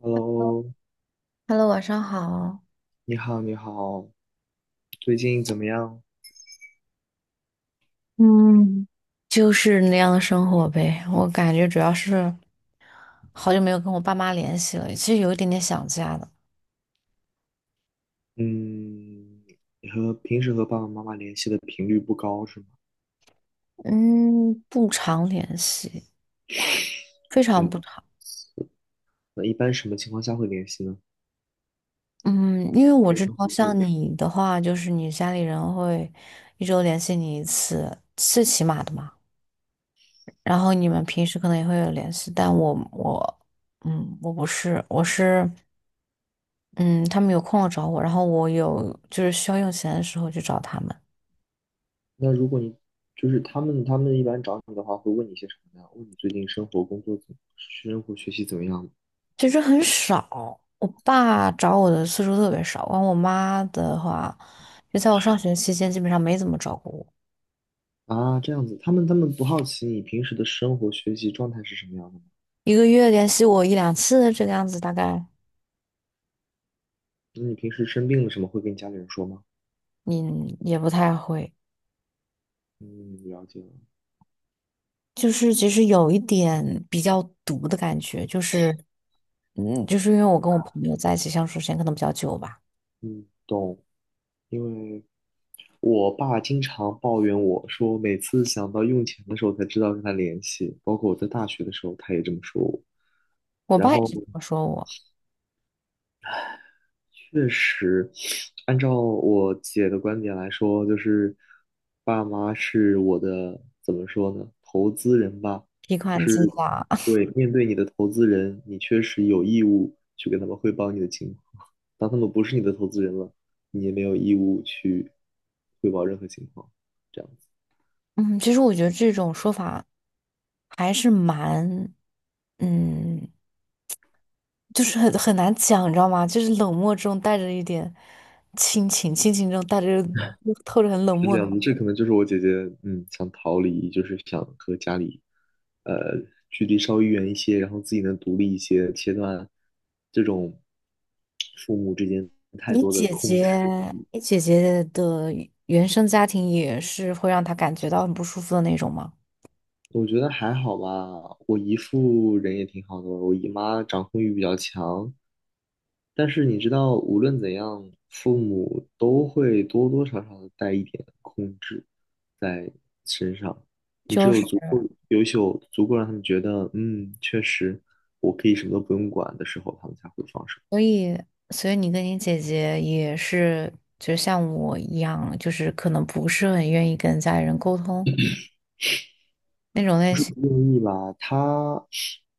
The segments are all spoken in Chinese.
Hello，Hello，晚上好。你好，你好，最近怎么样？嗯，就是那样的生活呗，我感觉主要是好久没有跟我爸妈联系了，其实有一点点想家的。嗯，你和平时和爸爸妈妈联系的频率不高是吗？嗯，不常联系，非常嗯，不常。那一般什么情况下会联系呢？嗯，因为我日知常道活动。像你的话，就是你家里人会一周联系你一次，最起码的嘛。然后你们平时可能也会有联系，但我不是，我是嗯，他们有空了找我，然后我有就是需要用钱的时候去找他们，那如果你就是他们一般找你的话，会问你些什么呢？问你最近生活、学习怎么样？其实很少。我爸找我的次数特别少，完我妈的话，就在我上学期间基本上没怎么找过我，啊？这样子，他们不好奇你平时的生活、学习状态是什么样的吗？一个月联系我一两次这个样子，大概那你平时生病了什么会跟家里人说吗？你也不太会。嗯，了解了。就是其实有一点比较毒的感觉，就是因为我跟我朋友在一起相处时间可能比较久吧，嗯，懂。因为我爸经常抱怨我说，每次想到用钱的时候才知道跟他联系，包括我在大学的时候，他也这么说我。我然爸也后是这么说我，确实，按照我姐的观点来说，就是爸妈是我的，怎么说呢，投资人吧。提就款机是啦。对，面对你的投资人，你确实有义务去跟他们汇报你的情况。当他们不是你的投资人了，你也没有义务去汇报任何情况。这样。嗯，其实我觉得这种说法还是蛮，嗯，就是很难讲，你知道吗？就是冷漠中带着一点亲情，亲情中带着透着很冷是这漠的。样的，这可能就是我姐姐，想逃离，就是想和家里，呃，距离稍微远一些，然后自己能独立一些，切断这种父母之间太你多的姐控制。姐，你姐姐的原生家庭也是会让她感觉到很不舒服的那种吗？我觉得还好吧，我姨父人也挺好的，我姨妈掌控欲比较强，但是你知道，无论怎样，父母都会多多少少的带一点控制在身上。你只就是。有足够优秀，足够让他们觉得，确实我可以什么都不用管的时候，他们才会放手。所以，所以你跟你姐姐也是，就像我一样，就是可能不是很愿意跟家里人沟通那种不类是不型，愿意吧？他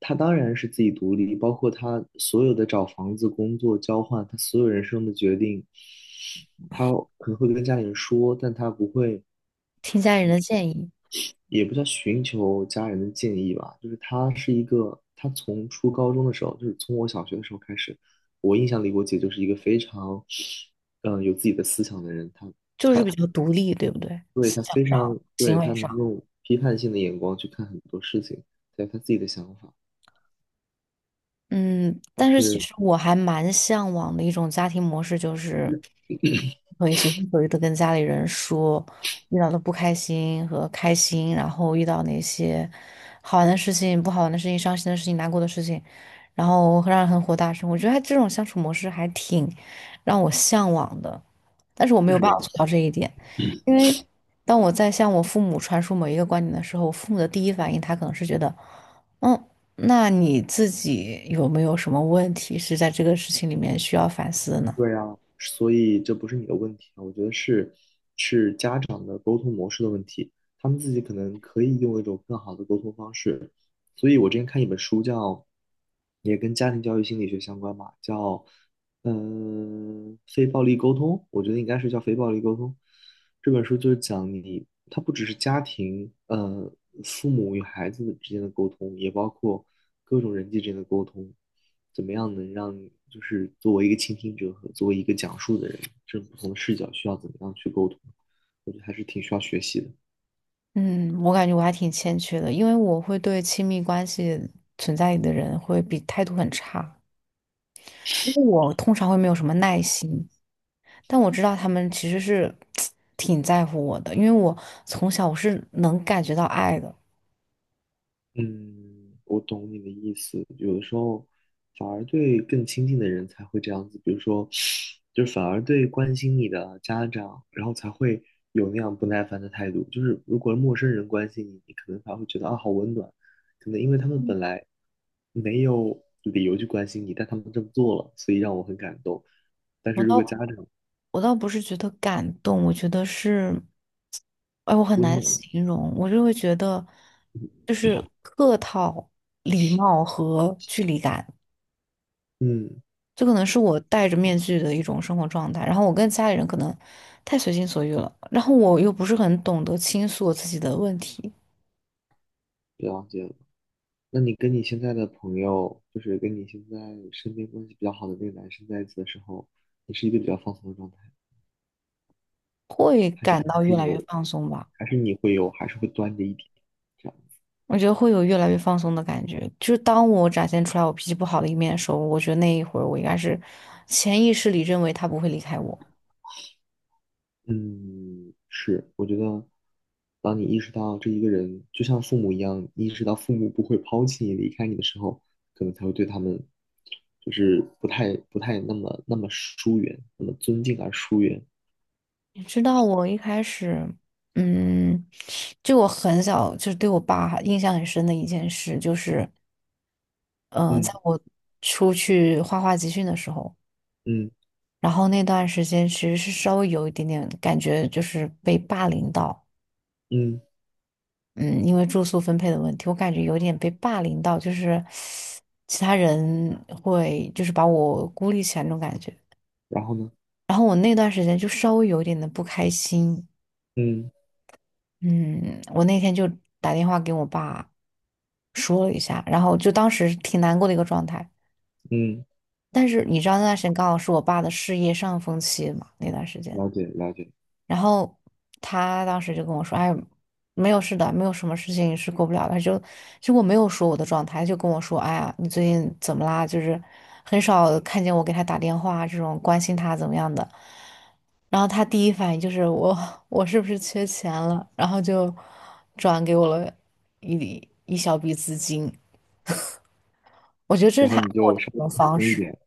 他当然是自己独立，包括他所有的找房子、工作、交换，他所有人生的决定，他可能会跟家里人说，但他不会。听家里人的建议，也不叫寻求家人的建议吧，就是他是一个，他从初高中的时候，就是从我小学的时候开始，我印象里我姐就是一个非常，有自己的思想的人，他就是他比较独立，对不对？对思他想非上，常行对他为上。能用批判性的眼光去看很多事情，还有她自己的想法嗯，但是其是实我还蛮向往的一种家庭模式，就是可以随心所欲的跟家里人说遇到的不开心和开心，然后遇到那些好玩的事情、不好玩的事情、伤心的事情、难过的事情，然后让人很火大声。我觉得他这种相处模式还挺让我向往的，但是我没是有这办法样做子。到这一点，因为当我在向我父母传输某一个观点的时候，我父母的第一反应他可能是觉得，嗯。那你自己有没有什么问题是在这个事情里面需要反思的呢？对啊，所以这不是你的问题啊，我觉得是家长的沟通模式的问题，他们自己可能可以用一种更好的沟通方式。所以我之前看一本书叫，也跟家庭教育心理学相关嘛，叫非暴力沟通，我觉得应该是叫非暴力沟通。这本书就是讲你，它不只是家庭，父母与孩子之间的沟通，也包括各种人际之间的沟通。怎么样能让就是作为一个倾听者和作为一个讲述的人，这种不同的视角需要怎么样去沟通，我觉得还是挺需要学习的。嗯，我感觉我还挺欠缺的，因为我会对亲密关系存在的人会比态度很差，因为我通常会没有什么耐心，但我知道他们其实是 挺在乎我的，因为我从小我是能感觉到爱的。嗯，我懂你的意思。有的时候，反而对更亲近的人才会这样子，比如说，就是反而对关心你的家长，然后才会有那样不耐烦的态度。就是如果陌生人关心你，你可能反而会觉得啊，好温暖。可能因为他们本来没有理由去关心你，但他们这么做了，所以让我很感动。但是我如到果家长我倒不是觉得感动，我觉得是，哎，我很温难暖，形容，我就会觉得，就是客套、礼貌和距离感，嗯，这可能是我戴着面具的一种生活状态。然后我跟家里人可能太随心所欲了，然后我又不是很懂得倾诉我自己的问题，了解了。那你跟你现在的朋友，就是跟你现在身边关系比较好的那个男生在一起的时候，你是一个比较放松的状态，会还是感还到是越来越有，放松吧。还是你会有，还是会端着一点这样？我觉得会有越来越放松的感觉，就是当我展现出来我脾气不好的一面的时候，我觉得那一会儿我应该是潜意识里认为他不会离开我。嗯，是，我觉得，当你意识到这一个人就像父母一样，意识到父母不会抛弃你、离开你的时候，可能才会对他们，就是不太那么疏远，那么尊敬而疏远。你知道我一开始，嗯，就我很小，就是对我爸印象很深的一件事，在嗯我出去画画集训的时候，嗯然后那段时间其实是稍微有一点点感觉，就是被霸凌到，嗯，嗯，因为住宿分配的问题，我感觉有点被霸凌到，就是其他人会就是把我孤立起来那种感觉，然后呢？然后我那段时间就稍微有一点的不开心。嗯嗯，我那天就打电话给我爸，说了一下，然后就当时挺难过的一个状态。嗯。但是你知道那段时间刚好是我爸的事业上峰期嘛，那段时间，了解了解，然后他当时就跟我说："哎，没有事的，没有什么事情是过不了的。"就结果我没有说我的状态，就跟我说："哎呀，你最近怎么啦？就是很少看见我给他打电话啊这种关心他怎么样的。"然后他第一反应就是我是不是缺钱了？然后就转给我了一小笔资金。我觉得这然是后他爱你我就的稍一微种开方心一式，点，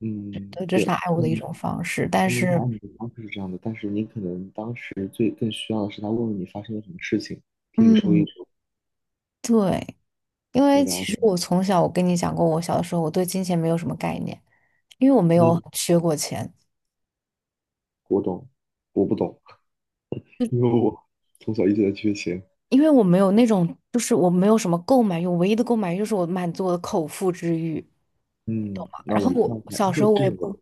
嗯，对，这对，是他爱我的一嗯，种方式。但说明他是，爱你的方式是这样的，但是你可能当时最更需要的是他问问你发生了什么事情，听你说一嗯，说，对，因我为其了实解，我从小，我跟你讲过，我小的时候我对金钱没有什么概念，因为我没有嗯，缺过钱，我懂，我不懂，就因为我从小一直在缺钱，因为我没有那种，就是我没有什么购买欲，我唯一的购买欲就是我满足我的口腹之欲，懂嗯，吗？那然我后那我我还小时这候我这也种不，我，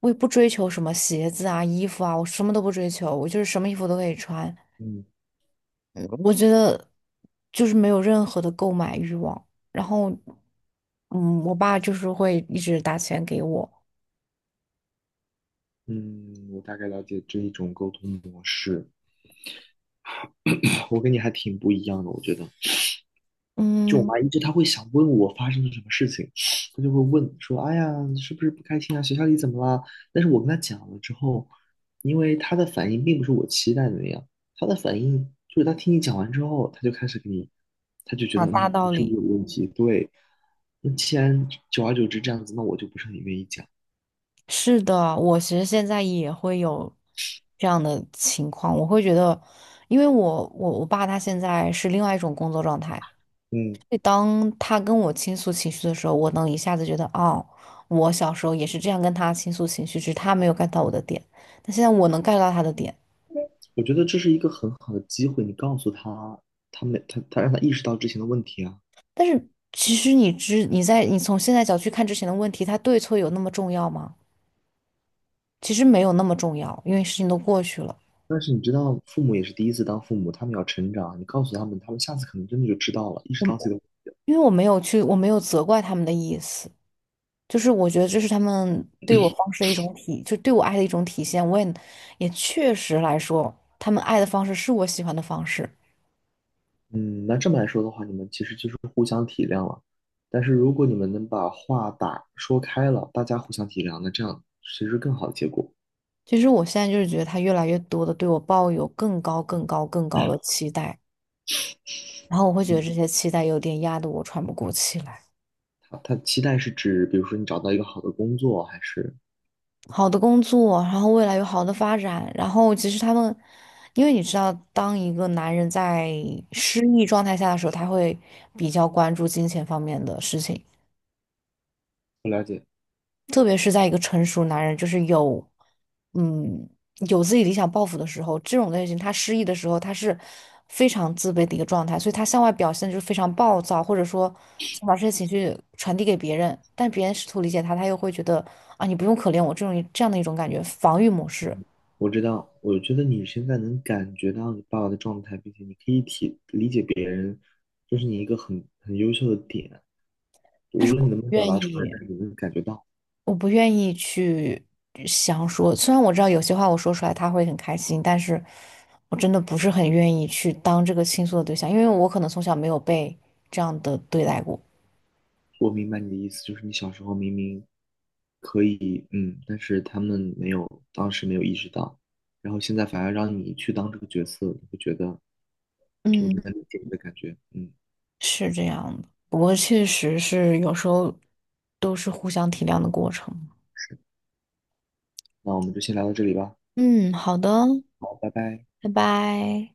我也不追求什么鞋子啊、衣服啊，我什么都不追求，我就是什么衣服都可以穿。嗯嗯我觉得就是没有任何的购买欲望。然后，我爸就是会一直打钱给我。嗯，我大概了解这一种沟通模式，我跟你还挺不一样的，我觉得，就我嗯，妈一直她会想问我发生了什么事情，她就会问说：“哎呀，你是不是不开心啊？学校里怎么了？”但是我跟她讲了之后，因为她的反应并不是我期待的那样，她的反应就是她听你讲完之后，她就开始给你，她就觉得讲大你道是不是理。有问题？对，那既然久而久之这样子，那我就不是很愿意讲。是的，我其实现在也会有这样的情况，我会觉得，因为我爸他现在是另外一种工作状态，嗯，所以当他跟我倾诉情绪的时候，我能一下子觉得，哦，我小时候也是这样跟他倾诉情绪，只是他没有 get 到我的点，但现在我能 get 到他的点。我觉得这是一个很好的机会，你告诉她，她没她她让她意识到之前的问题啊。但是其实你在你从现在角去看之前的问题，它对错有那么重要吗？其实没有那么重要，因为事情都过去了。但是你知道，父母也是第一次当父母，他们要成长。你告诉他们，他们下次可能真的就知道了，意识到自我己的。因为我没有去，我没有责怪他们的意思，就是我觉得这是他们对我方式的一种体，就对我爱的一种体现。也确实来说，他们爱的方式是我喜欢的方式。嗯，那这么来说的话，你们其实就是互相体谅了。但是如果你们能把话说开了，大家互相体谅，那这样其实更好的结果。其实我现在就是觉得他越来越多的对我抱有更高、更高、更高的期待，然后我会觉嗯，得这些期待有点压得我喘不过气来。他期待是指，比如说你找到一个好的工作，还是好的工作，然后未来有好的发展，然后其实他们，因为你知道，当一个男人在失意状态下的时候，他会比较关注金钱方面的事情，不了解，特别是在一个成熟男人，嗯，有自己理想抱负的时候，这种类型他失意的时候，他是非常自卑的一个状态，所以他向外表现就是非常暴躁，或者说想把这些情绪传递给别人，但别人试图理解他，他又会觉得啊，你不用可怜我这种这样的一种感觉，防御模式。我知道，我觉得你现在能感觉到你爸爸的状态，并且你可以体理解别人，就是你一个很优秀的点。无论你能不能表愿达出来，意，但是你能感觉到。我不愿意去想说。虽然我知道有些话我说出来他会很开心，但是我真的不是很愿意去当这个倾诉的对象，因为我可能从小没有被这样的对待过。我明白你的意思，就是你小时候明明可以，但是他们没有，当时没有意识到，然后现在反而让你去当这个角色，你会觉得我嗯，能理解你的感觉，嗯，是这样的。不过确实是有时候都是互相体谅的过程。那我们就先聊到这里吧，嗯，好的，好，拜拜。拜拜。